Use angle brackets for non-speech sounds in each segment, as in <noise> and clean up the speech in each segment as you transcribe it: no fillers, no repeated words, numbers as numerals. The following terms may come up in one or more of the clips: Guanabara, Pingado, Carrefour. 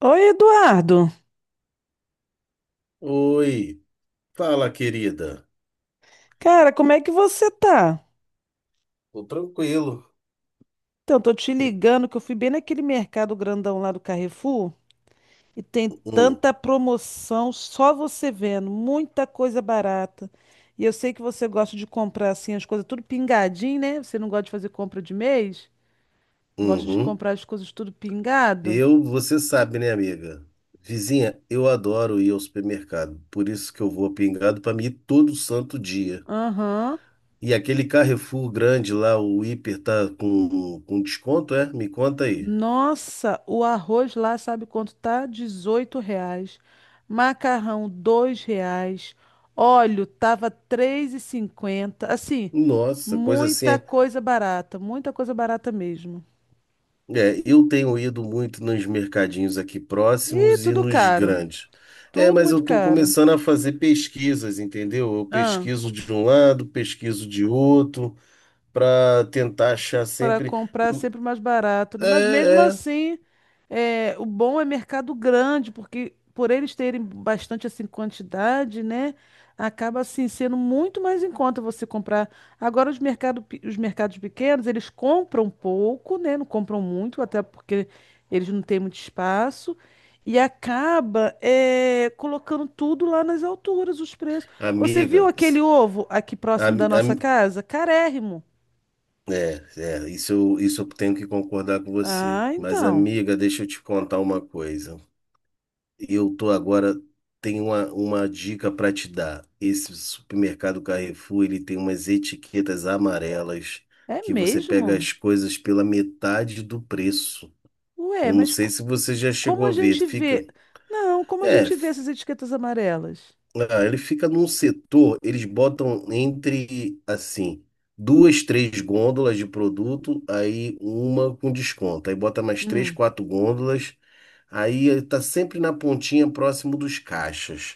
Oi, Eduardo. Oi, fala, querida. Cara, como é que você tá? Tô tranquilo. Então, tô te Que- ligando que eu fui bem naquele mercado grandão lá do Carrefour e tem Hum, tanta promoção, só você vendo, muita coisa barata. E eu sei que você gosta de comprar assim as coisas tudo pingadinho, né? Você não gosta de fazer compra de mês? Gosta de uhum. comprar as coisas tudo pingado? Eu, você sabe, né, amiga? Vizinha, eu adoro ir ao supermercado, por isso que eu vou a Pingado para mim ir todo santo dia. Aham. E aquele Carrefour grande lá, o hiper tá com desconto, é? Me conta aí. Nossa, o arroz lá sabe quanto tá? R$ 18. Macarrão, R$ 2. Óleo tava 3,50. Assim, Nossa, coisa assim. Muita coisa barata mesmo. É, eu tenho ido muito nos mercadinhos aqui E próximos e tudo nos caro, grandes. É, tudo mas eu muito estou caro. começando a fazer pesquisas, entendeu? Eu pesquiso de um lado, pesquiso de outro, para tentar achar Para sempre. comprar é sempre mais barato, né? Mas mesmo É, é, assim, o bom é mercado grande, porque por eles terem bastante assim quantidade, né? Acaba assim sendo muito mais em conta você comprar. Agora os mercados pequenos, eles compram pouco, né? Não compram muito, até porque eles não têm muito espaço. E acaba colocando tudo lá nas alturas, os preços. Você viu amiga. aquele ovo aqui próximo da am- nossa am- casa? Carérrimo. É, é, isso eu tenho que concordar com você. Ah, Mas, então. amiga, deixa eu te contar uma coisa. Eu tô agora, tem uma dica para te dar. Esse supermercado Carrefour, ele tem umas etiquetas amarelas É que você pega mesmo? as coisas pela metade do preço. Ué, Eu não mas sei se você já como chegou a a ver. gente Fica, vê? Não, como a é, gente vê f- essas etiquetas amarelas? ah, Ele fica num setor, eles botam entre assim, duas, três gôndolas de produto, aí uma com desconto. Aí bota mais três, Hum. quatro gôndolas, aí ele tá sempre na pontinha próximo dos caixas.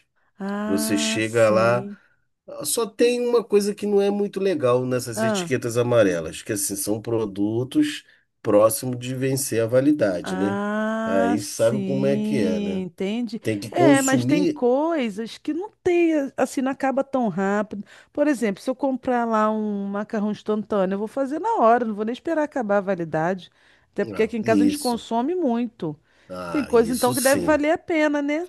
Você Ah, chega lá, sim. ah, só tem uma coisa que não é muito legal nessas Ah, etiquetas amarelas, que assim, são produtos próximos de vencer a validade, né? ah, Aí sabe como é que é, sim, né? entende? Tem que É, mas tem consumir. coisas que não tem, assim, não acaba tão rápido. Por exemplo, se eu comprar lá um macarrão instantâneo, eu vou fazer na hora, não vou nem esperar acabar a validade. Até porque Ah, aqui em casa a gente isso. consome muito. Tem Ah, coisa isso então que deve sim. valer a pena, né?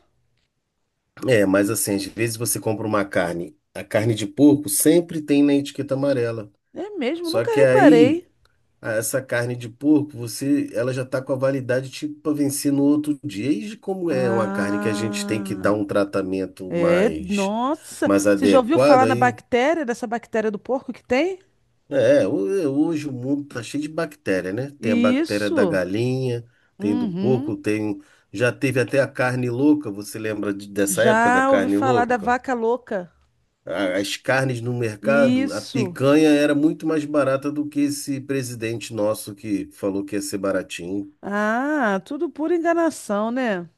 É, mas assim, às vezes você compra uma carne, a carne de porco sempre tem na etiqueta amarela. É mesmo, Só nunca que reparei. aí. Ah, essa carne de porco, você, ela já está com a validade tipo para vencer no outro dia. E como é uma carne que a gente tem que Ah, dar um tratamento é. mais, Nossa, mais você já ouviu adequado, falar na aí bactéria, dessa bactéria do porco que tem? é, ho- hoje o mundo tá cheio de bactéria, né? Tem a bactéria da Isso. galinha, tem do Uhum. porco, tem já teve até a carne louca. Você lembra dessa época da Já ouvi carne falar da louca? vaca louca. As carnes no mercado, a Isso. picanha era muito mais barata do que esse presidente nosso que falou que ia ser baratinho. Ah, tudo pura enganação, né?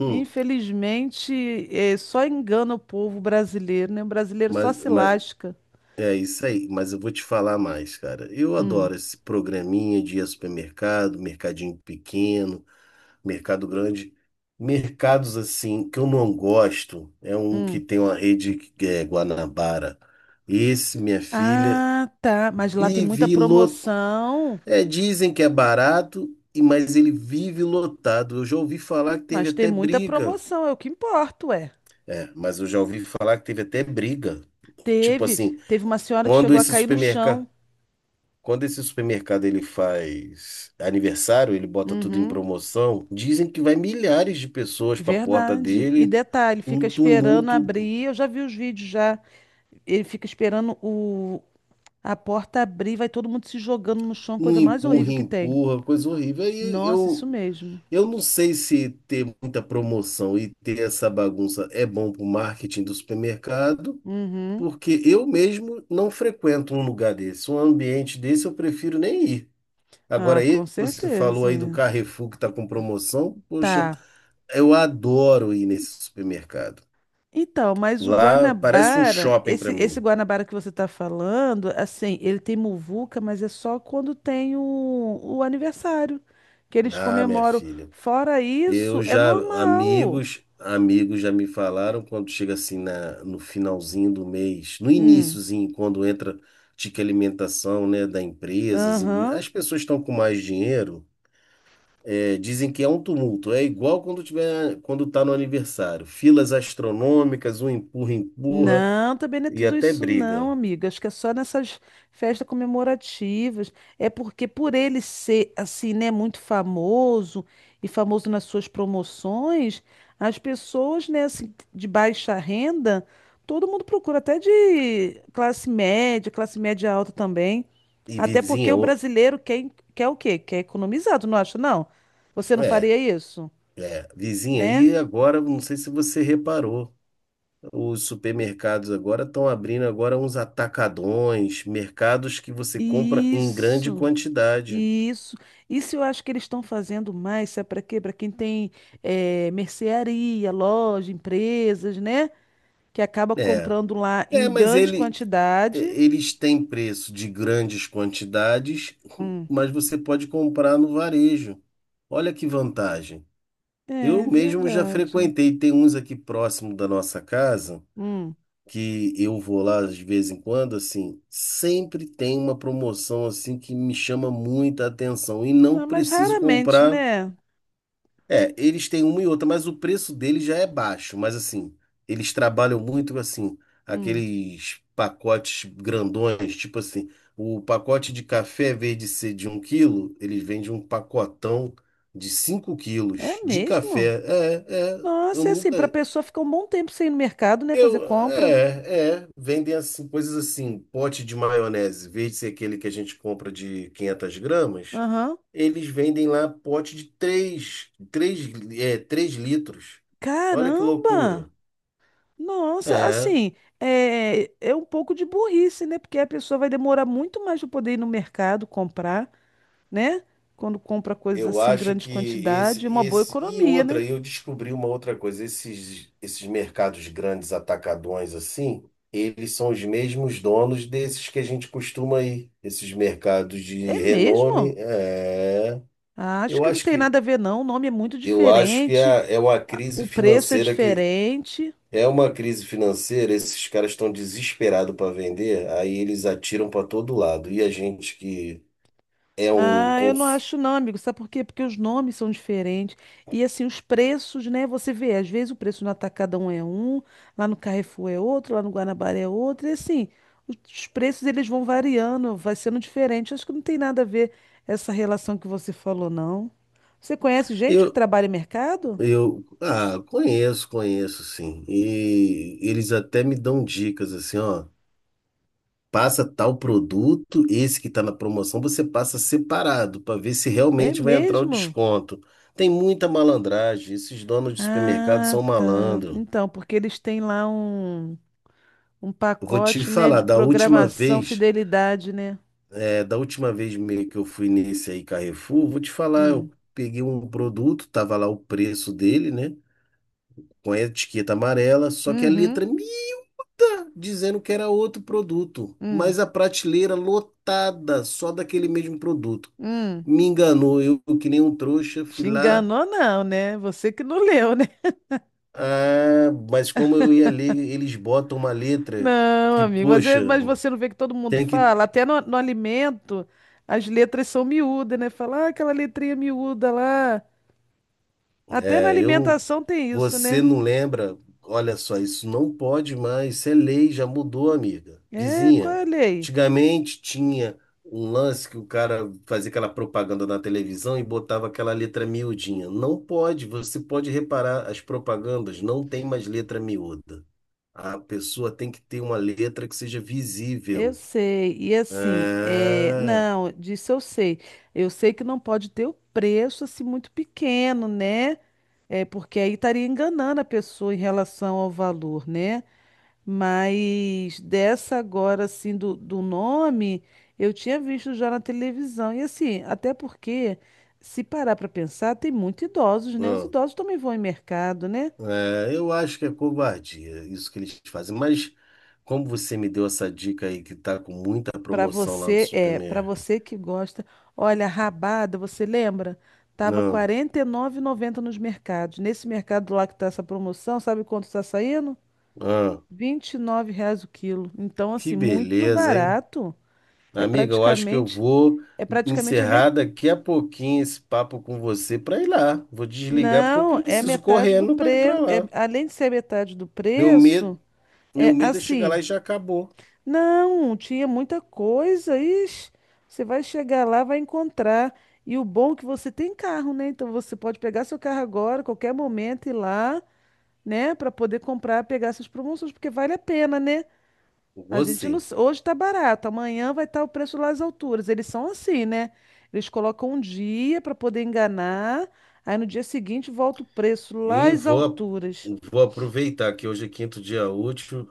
Hum. Infelizmente, é, só engana o povo brasileiro, né? O brasileiro só Mas, se mas lasca. é isso aí, mas eu vou te falar mais, cara. Eu Hum, adoro esse programinha de ir ao supermercado, mercadinho pequeno, mercado grande. Mercados assim que eu não gosto é um que hum. tem uma rede que é Guanabara. Esse, minha filha, Ah, tá. Mas lá tem muita vive lotado. promoção. É, dizem que é barato, mas ele vive lotado. Eu já ouvi falar que teve Mas tem até muita briga. promoção, é o que importa, ué. É, mas eu já ouvi falar que teve até briga. Tipo Teve, assim, teve uma senhora que quando chegou a esse cair no chão. supermercado. Quando esse supermercado ele faz aniversário, ele bota tudo em Uhum, promoção, dizem que vai milhares de pessoas para a porta verdade. E dele, detalhe, fica um esperando tumulto, abrir. Eu já vi os vídeos já. Ele fica esperando o a porta abrir, vai todo mundo se jogando no chão, um coisa mais empurra, horrível que tem. empurra, coisa horrível. Aí Nossa, eu, isso mesmo. eu não sei se ter muita promoção e ter essa bagunça é bom para o marketing do supermercado, Uhum. porque eu mesmo não frequento um lugar desse, um ambiente desse eu prefiro nem ir. Ah, Agora, esse com que você falou aí do certeza. Carrefour que está com promoção, poxa. Tá. Eu adoro ir nesse supermercado. Então, mas o Lá parece um Guanabara, shopping esse, para esse mim. Guanabara que você está falando, assim, ele tem muvuca, mas é só quando tem o aniversário, que eles Ah, minha comemoram. filha. Fora Eu isso, é já, normal. amigos, já me falaram quando chega assim no finalzinho do mês, no Hum, iniciozinho, quando entra tique alimentação, né, da empresa, assim, aham. as pessoas estão com mais dinheiro, é, dizem que é um tumulto. É igual quando tá no aniversário. Filas astronômicas, um empurra, empurra Não, também não é e tudo até isso não, briga. amiga. Acho que é só nessas festas comemorativas. É porque por ele ser assim, né, muito famoso e famoso nas suas promoções, as pessoas, né, assim, de baixa renda, todo mundo procura, até de classe média alta também. E Até porque vizinha, o o- brasileiro quer, quer o quê? Quer economizar, tu não acha, não? Você não É. faria isso, É, vizinha, né? e agora, não sei se você reparou, os supermercados agora estão abrindo agora uns atacadões, mercados que você compra em grande Isso. quantidade. Isso. Isso eu acho que eles estão fazendo mais, sabe para quê? Para quem tem mercearia, loja, empresas, né? Que acaba É, comprando lá em é, grande quantidade. eles têm preço de grandes quantidades, <laughs> Hum. mas você pode comprar no varejo. Olha que vantagem. Eu É mesmo já verdade. frequentei, tem uns aqui próximo da nossa casa Hum. que eu vou lá de vez em quando, assim, sempre tem uma promoção assim que me chama muita atenção e não Ah, mas preciso raramente, comprar. né? É, eles têm uma e outra, mas o preço deles já é baixo, mas assim, eles trabalham muito assim, Hum. aqueles pacotes grandões, tipo assim, o pacote de café, em vez de ser de um quilo, eles vendem um pacotão de 5 É quilos de mesmo? café. É, é, eu Nossa, é assim, para nunca. pessoa ficar um bom tempo sem ir no mercado, né? Fazer compra. Vendem assim, coisas assim, pote de maionese, em vez de ser aquele que a gente compra de 500 gramas, Aham. eles vendem lá pote de 3 litros. Olha que loucura. Caramba! Nossa, É, assim, é, é um pouco de burrice, né? Porque a pessoa vai demorar muito mais para poder ir no mercado comprar, né? Quando compra coisas eu assim, em acho grande que quantidade, é uma boa e economia, outra, né? eu descobri uma outra coisa, esses mercados grandes atacadões assim, eles são os mesmos donos desses que a gente costuma ir, esses mercados de É renome, mesmo? é. Ah, acho Eu que não acho tem que nada a ver, não. O nome é muito eu acho que diferente, é, é uma crise o preço é financeira que diferente. é uma crise financeira, esses caras estão desesperados para vender, aí eles atiram para todo lado. E a gente que é um Ah, eu não cons... acho não, amigo. Sabe por quê? Porque os nomes são diferentes. E assim, os preços, né? Você vê, às vezes o preço no Atacadão é um, lá no Carrefour é outro, lá no Guanabara é outro. E assim, os preços eles vão variando, vai sendo diferente. Acho que não tem nada a ver essa relação que você falou, não. Você conhece gente que eu trabalha em mercado? eu ah, conheço, conheço sim. E eles até me dão dicas assim, ó, passa tal produto, esse que está na promoção, você passa separado para ver se É realmente vai entrar o mesmo? desconto. Tem muita malandragem, esses donos de supermercado Ah, são tá. malandros. Então, porque eles têm lá um Vou te pacote, né, falar, de programação, fidelidade, né? Da última vez meio que eu fui nesse aí Carrefour, vou te falar, Hum. eu peguei um produto, tava lá o preço dele, né? Com a etiqueta amarela, só que a Uhum. letra mita dizendo que era outro produto, Hum, mas a prateleira lotada só daquele mesmo produto. hum. Me enganou, eu que nem um trouxa, Te fui lá, enganou não, né? Você que não leu, né? <laughs> ah, mas como eu ia ler, eles botam uma letra Não, que, amigo, mas, poxa, mas você não vê que todo mundo tem que fala? Até no alimento, as letras são miúdas, né? Fala, ah, aquela letrinha miúda lá. Até na É, Eu, não- alimentação tem isso, você né? não lembra? Olha só, isso não pode mais, isso é lei, já mudou, amiga. É, qual Vizinha, é a lei? antigamente tinha um lance que o cara fazia aquela propaganda na televisão e botava aquela letra miudinha. Não pode, você pode reparar, as propagandas não tem mais letra miúda. A pessoa tem que ter uma letra que seja Eu visível. sei, e assim, é, É. não, disso eu sei. Eu sei que não pode ter o preço assim muito pequeno, né? É, porque aí estaria enganando a pessoa em relação ao valor, né? Mas dessa agora, assim, do nome, eu tinha visto já na televisão. E assim, até porque, se parar para pensar, tem muitos idosos, né? Os Ah. idosos também vão em mercado, né? É, eu acho que é covardia isso que eles fazem. Mas como você me deu essa dica aí que tá com muita Para promoção lá no você, é, para Supermercado? você que gosta. Olha, rabada, você lembra? Tava R$ 49,90 nos mercados. Nesse mercado lá que tá essa promoção, sabe quanto está saindo? Ah, R$ 9 reais o quilo. Então, que assim, muito beleza, hein? barato. É Amiga, eu acho que eu praticamente, vou é praticamente a encerrar metade. daqui a pouquinho esse papo com você para ir lá. Vou desligar porque eu Não, é preciso metade do correndo para ir para preço. É, lá. além de ser metade do Meu medo, preço, meu é medo é chegar lá assim. e já acabou. Não, tinha muita coisa. Ixi, você vai chegar lá, vai encontrar. E o bom é que você tem carro, né? Então você pode pegar seu carro agora, qualquer momento, ir lá, né, para poder comprar, pegar essas promoções, porque vale a pena, né? A Vou gente não, sim. s- hoje tá barato, amanhã vai estar o preço lá às alturas. Eles são assim, né? Eles colocam um dia para poder enganar, aí no dia seguinte volta o preço lá E às vou, a- alturas. Vou aproveitar que hoje é quinto dia útil,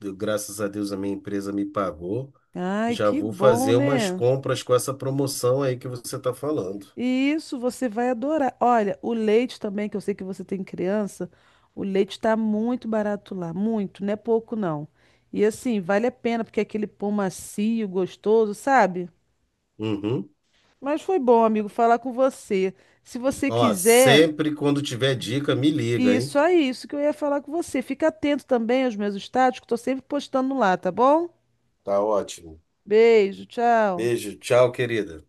graças a Deus a minha empresa me pagou. Ai, Já que vou bom, fazer umas né? compras com essa promoção aí que você está falando. E isso você vai adorar. Olha, o leite também, que eu sei que você tem criança, o leite está muito barato lá, muito, não é pouco não. E assim, vale a pena, porque é aquele pão macio, gostoso, sabe? Uhum. Mas foi bom, amigo, falar com você. Se você Ó, quiser, sempre quando tiver dica, me liga, hein? isso é isso que eu ia falar com você. Fica atento também aos meus status, que estou sempre postando lá, tá bom? Tá ótimo. Beijo, tchau. Beijo, tchau, querida.